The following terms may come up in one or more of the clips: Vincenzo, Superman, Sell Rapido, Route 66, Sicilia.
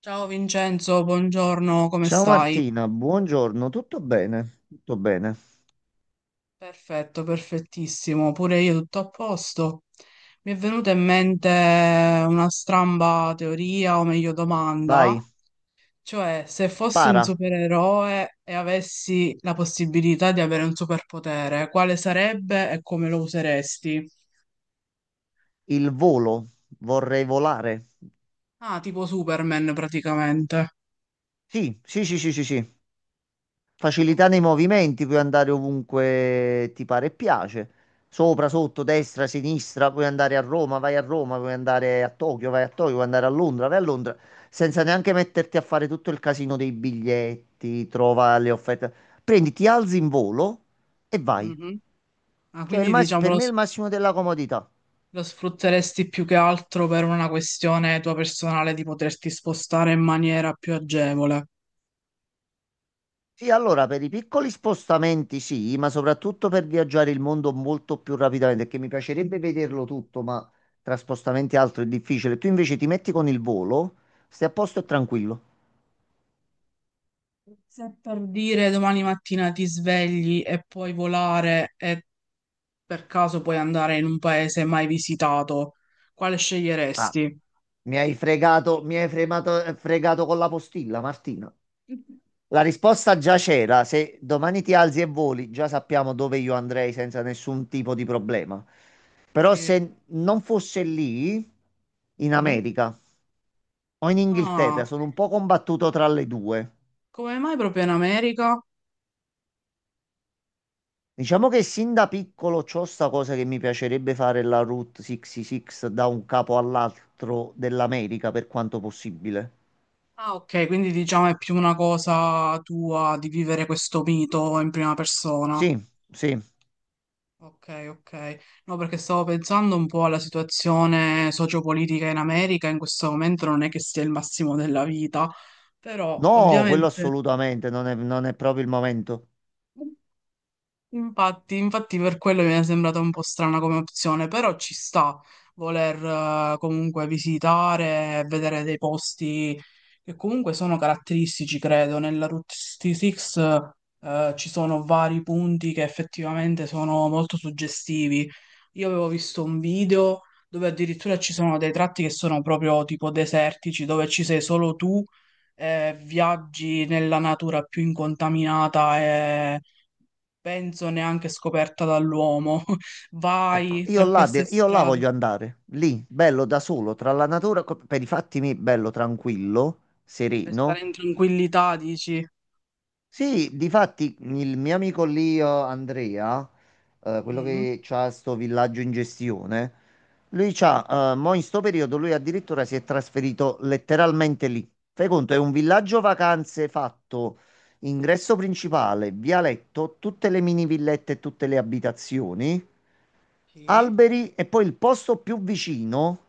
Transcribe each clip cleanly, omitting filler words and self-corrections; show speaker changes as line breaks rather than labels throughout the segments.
Ciao Vincenzo, buongiorno, come
Ciao
stai?
Martina, buongiorno, tutto bene? Tutto bene.
Perfetto, perfettissimo, pure io tutto a posto. Mi è venuta in mente una stramba teoria, o meglio domanda,
Vai,
cioè se fossi un
spara,
supereroe e avessi la possibilità di avere un superpotere, quale sarebbe e come lo useresti?
il volo, vorrei volare.
Ah, tipo Superman praticamente.
Sì, sì, sì, sì, sì, sì. Facilità
Ok.
nei movimenti, puoi andare ovunque ti pare e piace. Sopra, sotto, destra, sinistra, puoi andare a Roma, vai a Roma, puoi andare a Tokyo, vai a Tokyo, puoi andare a Londra, vai a Londra, senza neanche metterti a fare tutto il casino dei biglietti, trova le offerte. Prendi, ti alzi in volo e vai.
Mhm. Ah,
Cioè,
quindi
per
diciamolo.
me è il massimo della comodità.
Lo sfrutteresti più che altro per una questione tua personale di poterti spostare in maniera più agevole.
Sì, allora per i piccoli spostamenti sì, ma soprattutto per viaggiare il mondo molto più rapidamente, perché mi piacerebbe
Mm.
vederlo tutto, ma tra spostamenti e altro è difficile. Tu invece ti metti con il volo, stai a posto e tranquillo.
Se per dire domani mattina ti svegli e puoi volare e per caso puoi andare in un paese mai visitato, quale
Ah,
sceglieresti?
mi hai fregato, fregato con la postilla, Martina. La risposta già c'era, se domani ti alzi e voli, già sappiamo dove io andrei senza nessun tipo di problema. Però
Sì.
se non fosse lì, in
Mm.
America o in
Ah,
Inghilterra, sono un po' combattuto tra le due.
come mai proprio in America?
Diciamo che sin da piccolo c'ho sta cosa che mi piacerebbe fare la Route 66 da un capo all'altro dell'America per quanto possibile.
Ah, ok, quindi diciamo è più una cosa tua di vivere questo mito in prima persona.
Sì, sì.
Ok, ok. No, perché stavo pensando un po' alla situazione sociopolitica in America, in questo momento non è che sia il massimo della vita, però
No, quello
ovviamente...
assolutamente, non è proprio il momento.
Infatti, infatti per quello mi è sembrata un po' strana come opzione, però ci sta voler comunque visitare, vedere dei posti che comunque sono caratteristici, credo. Nella Route 66 ci sono vari punti che effettivamente sono molto suggestivi. Io avevo visto un video dove addirittura ci sono dei tratti che sono proprio tipo desertici, dove ci sei solo tu, viaggi nella natura più incontaminata e penso neanche scoperta dall'uomo.
Ecco,
Vai
io
tra
là,
queste
io là
strade
voglio andare, lì, bello da solo, tra la natura, per i fatti miei, bello, tranquillo,
per stare
sereno.
in tranquillità, dici.
Sì, difatti il mio amico lì, Andrea, quello
Mm,
che ha sto villaggio in gestione, lui
sì,
c'ha, mo in sto periodo lui addirittura si è trasferito letteralmente lì. Fai conto, è un villaggio vacanze fatto, ingresso principale, vialetto, tutte le mini villette e tutte le abitazioni,
sì.
alberi, e poi il posto più vicino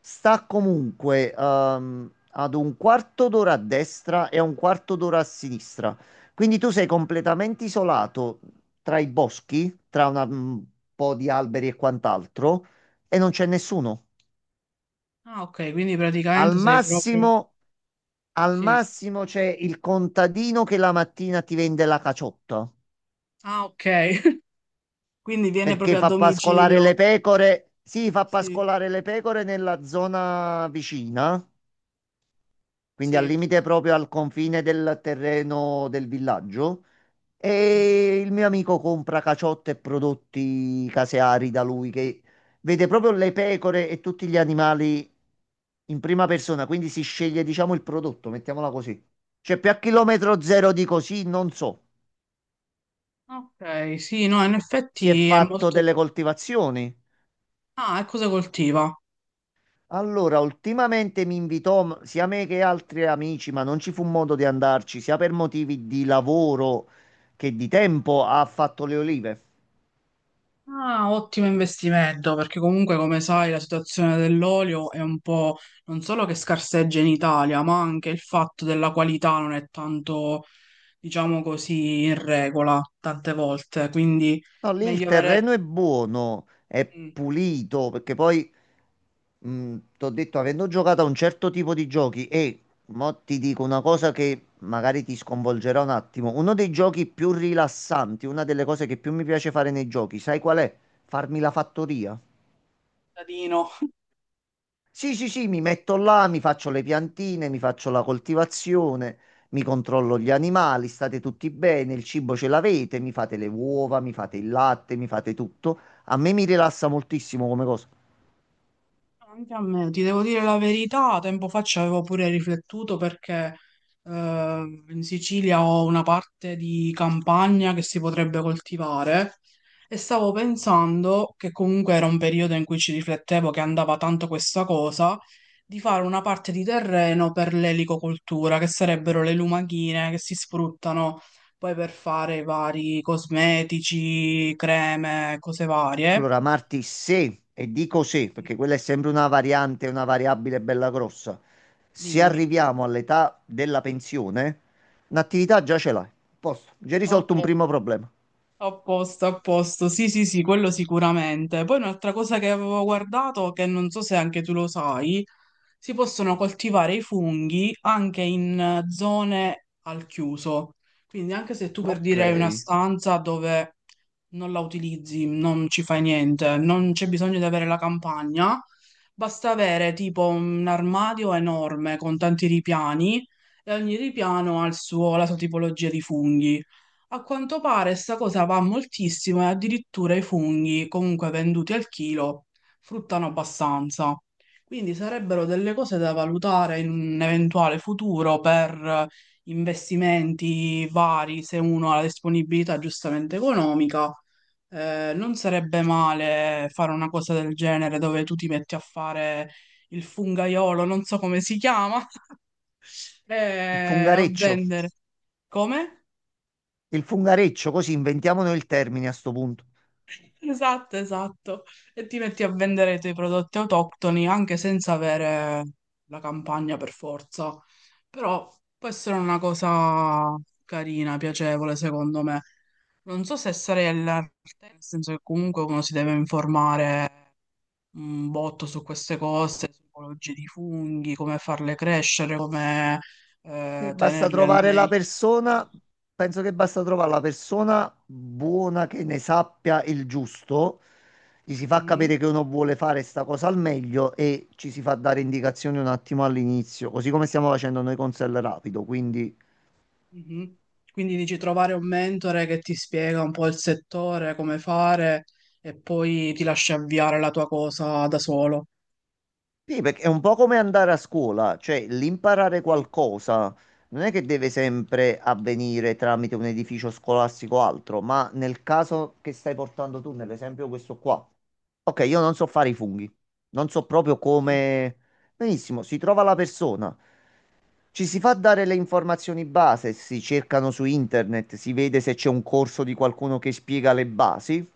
sta comunque ad un quarto d'ora a destra e a un quarto d'ora a sinistra. Quindi tu sei completamente isolato tra i boschi, tra un po' di alberi e quant'altro, e non c'è nessuno.
Ah, ok, quindi
Al
praticamente sei proprio...
massimo, al
Sì.
massimo c'è il contadino che la mattina ti vende la caciotta
Ah, ok. Quindi viene
perché
proprio a
fa pascolare le
domicilio.
pecore. Sì, fa
Sì,
pascolare le pecore nella zona vicina, quindi al
sì.
limite proprio al confine del terreno del villaggio.
Mhm.
E il mio amico compra caciotte e prodotti caseari da lui, che vede proprio le pecore e tutti gli animali in prima persona, quindi si sceglie, diciamo, il prodotto, mettiamola così. Cioè, più a chilometro zero di così, non so.
Ok, sì, no, in
Si è
effetti è
fatto
molto...
delle coltivazioni.
Ah, e cosa coltiva?
Allora, ultimamente mi invitò sia me che altri amici, ma non ci fu modo di andarci, sia per motivi di lavoro che di tempo, ha fatto le olive.
Ah, ottimo investimento, perché comunque come sai la situazione dell'olio è un po' non solo che scarseggia in Italia, ma anche il fatto della qualità non è tanto, diciamo così, in regola tante volte, quindi
No, lì il
meglio avere
terreno è buono, è
mm, un
pulito, perché poi, ti ho detto, avendo giocato a un certo tipo di giochi, e mo ti dico una cosa che magari ti sconvolgerà un attimo, uno dei giochi più rilassanti, una delle cose che più mi piace fare nei giochi, sai qual è? Farmi la fattoria.
cittadino.
Sì, sì, sì, mi metto là, mi faccio le piantine, mi faccio la coltivazione, mi controllo gli animali, state tutti bene, il cibo ce l'avete, mi fate le uova, mi fate il latte, mi fate tutto. A me mi rilassa moltissimo come cosa.
Anche a me, ti devo dire la verità, tempo fa ci avevo pure riflettuto perché eh, in Sicilia ho una parte di campagna che si potrebbe coltivare e stavo pensando, che comunque era un periodo in cui ci riflettevo che andava tanto questa cosa, di fare una parte di terreno per l'elicocoltura, che sarebbero le lumachine che si sfruttano poi per fare i vari cosmetici, creme, cose varie.
Allora, Marti, se, e dico se,
Sì.
perché quella è sempre una variante, una variabile bella grossa, se
Dimmi.
arriviamo all'età della pensione, un'attività già ce l'hai. Posto, già
Ok.
risolto un primo problema.
A posto, sì, sì, sì, quello sicuramente. Poi un'altra cosa che avevo guardato, che non so se anche tu lo sai, si possono coltivare i funghi anche in zone al chiuso. Quindi anche se tu per
Ok,
dire hai una
il
stanza dove non la utilizzi, non ci fai niente, non c'è bisogno di avere la campagna, basta avere tipo un armadio enorme con tanti ripiani e ogni ripiano ha la sua tipologia di funghi. A quanto pare sta cosa va moltissimo e addirittura i funghi, comunque venduti al chilo, fruttano abbastanza. Quindi sarebbero delle cose da valutare in un eventuale futuro per investimenti vari, se uno ha la disponibilità giustamente economica. Non sarebbe male fare una cosa del genere dove tu ti metti a fare il fungaiolo, non so come si chiama, a
fungareccio.
vendere. Come?
Il fungareccio, così inventiamo noi il termine a sto punto.
Esatto, esatto. E ti metti a vendere i tuoi prodotti autoctoni anche senza avere la campagna per forza. Però può essere una cosa carina, piacevole, secondo me. Non so se sarei all'arte, nel senso che comunque uno si deve informare un botto su queste cose, su tipologie di funghi, come farle crescere, come
E basta
tenerle al
trovare la
meglio.
persona, penso che basta trovare la persona buona che ne sappia il giusto, gli si fa
Mm?
capire che uno vuole fare sta cosa al meglio e ci si fa dare indicazioni un attimo all'inizio, così come stiamo facendo noi con Sell Rapido, quindi.
Mhm. Quindi dici trovare un mentore che ti spiega un po' il settore, come fare e poi ti lascia avviare la tua cosa da solo.
Sì, perché è un po' come andare a scuola, cioè l'imparare
Sì,
qualcosa non è che deve sempre avvenire tramite un edificio scolastico o altro, ma nel caso che stai portando tu, nell'esempio questo qua. Ok, io non so fare i funghi, non so proprio
sì,
come... Benissimo, si trova la persona, ci si fa dare le informazioni base, si cercano su internet, si vede se c'è un corso di qualcuno che spiega le basi,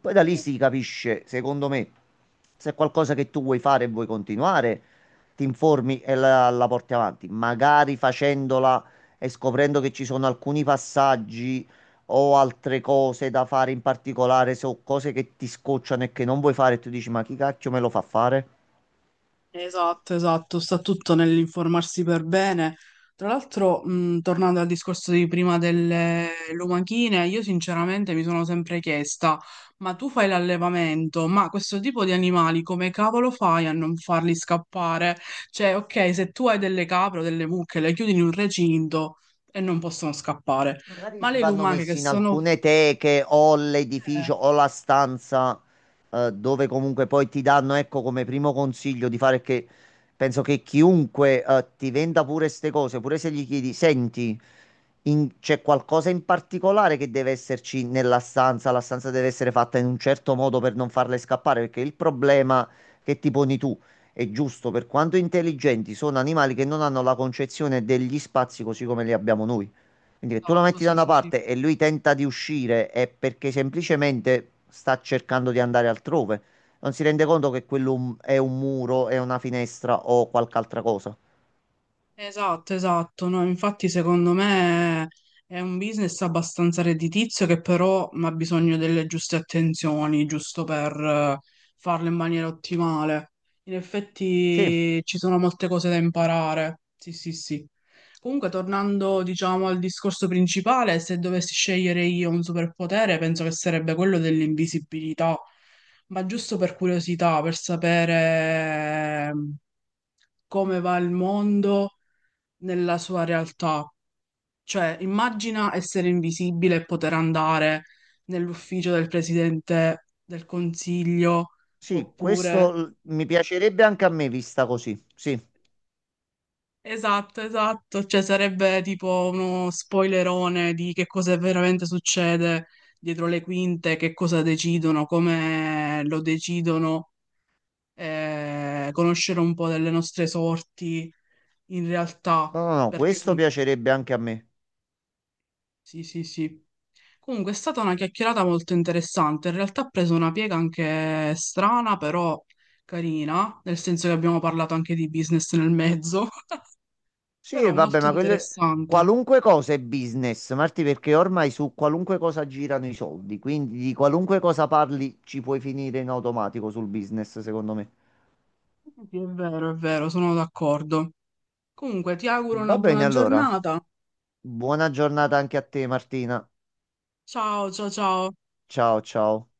poi da lì
sì.
si capisce, secondo me, se è qualcosa che tu vuoi fare e vuoi continuare, ti informi e la porti avanti, magari facendola e scoprendo che ci sono alcuni passaggi o altre cose da fare in particolare, so cose che ti scocciano e che non vuoi fare, e tu dici, ma chi cacchio me lo fa fare?
Esatto, esatto, sta tutto nell'informarsi per bene. Tra l'altro, tornando al discorso di prima delle lumachine, io sinceramente mi sono sempre chiesta, ma tu fai l'allevamento, ma questo tipo di animali come cavolo fai a non farli scappare? Cioè, ok, se tu hai delle capre o delle mucche, le chiudi in un recinto e non possono scappare,
Magari
ma le
vanno
lumache che
messi in
sono...
alcune teche o
Eh,
l'edificio o la stanza, dove comunque poi ti danno, ecco, come primo consiglio di fare, che penso che chiunque ti venda pure queste cose, pure se gli chiedi, senti, c'è qualcosa in particolare che deve esserci nella stanza, la stanza deve essere fatta in un certo modo per non farle scappare, perché il problema che ti poni tu è giusto, per quanto intelligenti sono animali che non hanno la concezione degli spazi così come li abbiamo noi. Quindi che tu lo
esatto,
metti da
sì,
una
sì, sì.
parte e lui tenta di uscire è perché semplicemente sta cercando di andare altrove. Non si rende conto che quello è un muro, è una finestra o qualche altra cosa.
Esatto, esatto. No, infatti, secondo me è un business abbastanza redditizio che però ha bisogno delle giuste attenzioni, giusto per farlo in maniera ottimale. In
Sì,
effetti ci sono molte cose da imparare. Sì, sì, sì. Comunque, tornando, diciamo, al discorso principale, se dovessi scegliere io un superpotere, penso che sarebbe quello dell'invisibilità. Ma giusto per curiosità, per sapere come va il mondo nella sua realtà. Cioè, immagina essere invisibile e poter andare nell'ufficio del presidente del consiglio,
sì, questo
oppure...
mi piacerebbe anche a me vista così. Sì,
Esatto, esatto, cioè sarebbe tipo uno spoilerone di che cosa veramente succede dietro le quinte, che cosa decidono, come lo decidono, conoscere un po' delle nostre sorti in realtà,
no, no, no,
perché
questo piacerebbe anche a me.
sì, sì, sì. Comunque è stata una chiacchierata molto interessante. In realtà ha preso una piega anche strana, però carina, nel senso che abbiamo parlato anche di business nel mezzo,
Sì, e
però
vabbè,
molto
ma quelle...
interessante.
qualunque cosa è business, Marti, perché ormai su qualunque cosa girano i soldi, quindi di qualunque cosa parli ci puoi finire in automatico sul business, secondo me.
Sì, è vero, sono d'accordo. Comunque ti auguro
Va
una
bene,
buona
allora.
giornata.
Buona giornata anche a te, Martina.
Ciao, ciao, ciao.
Ciao, ciao.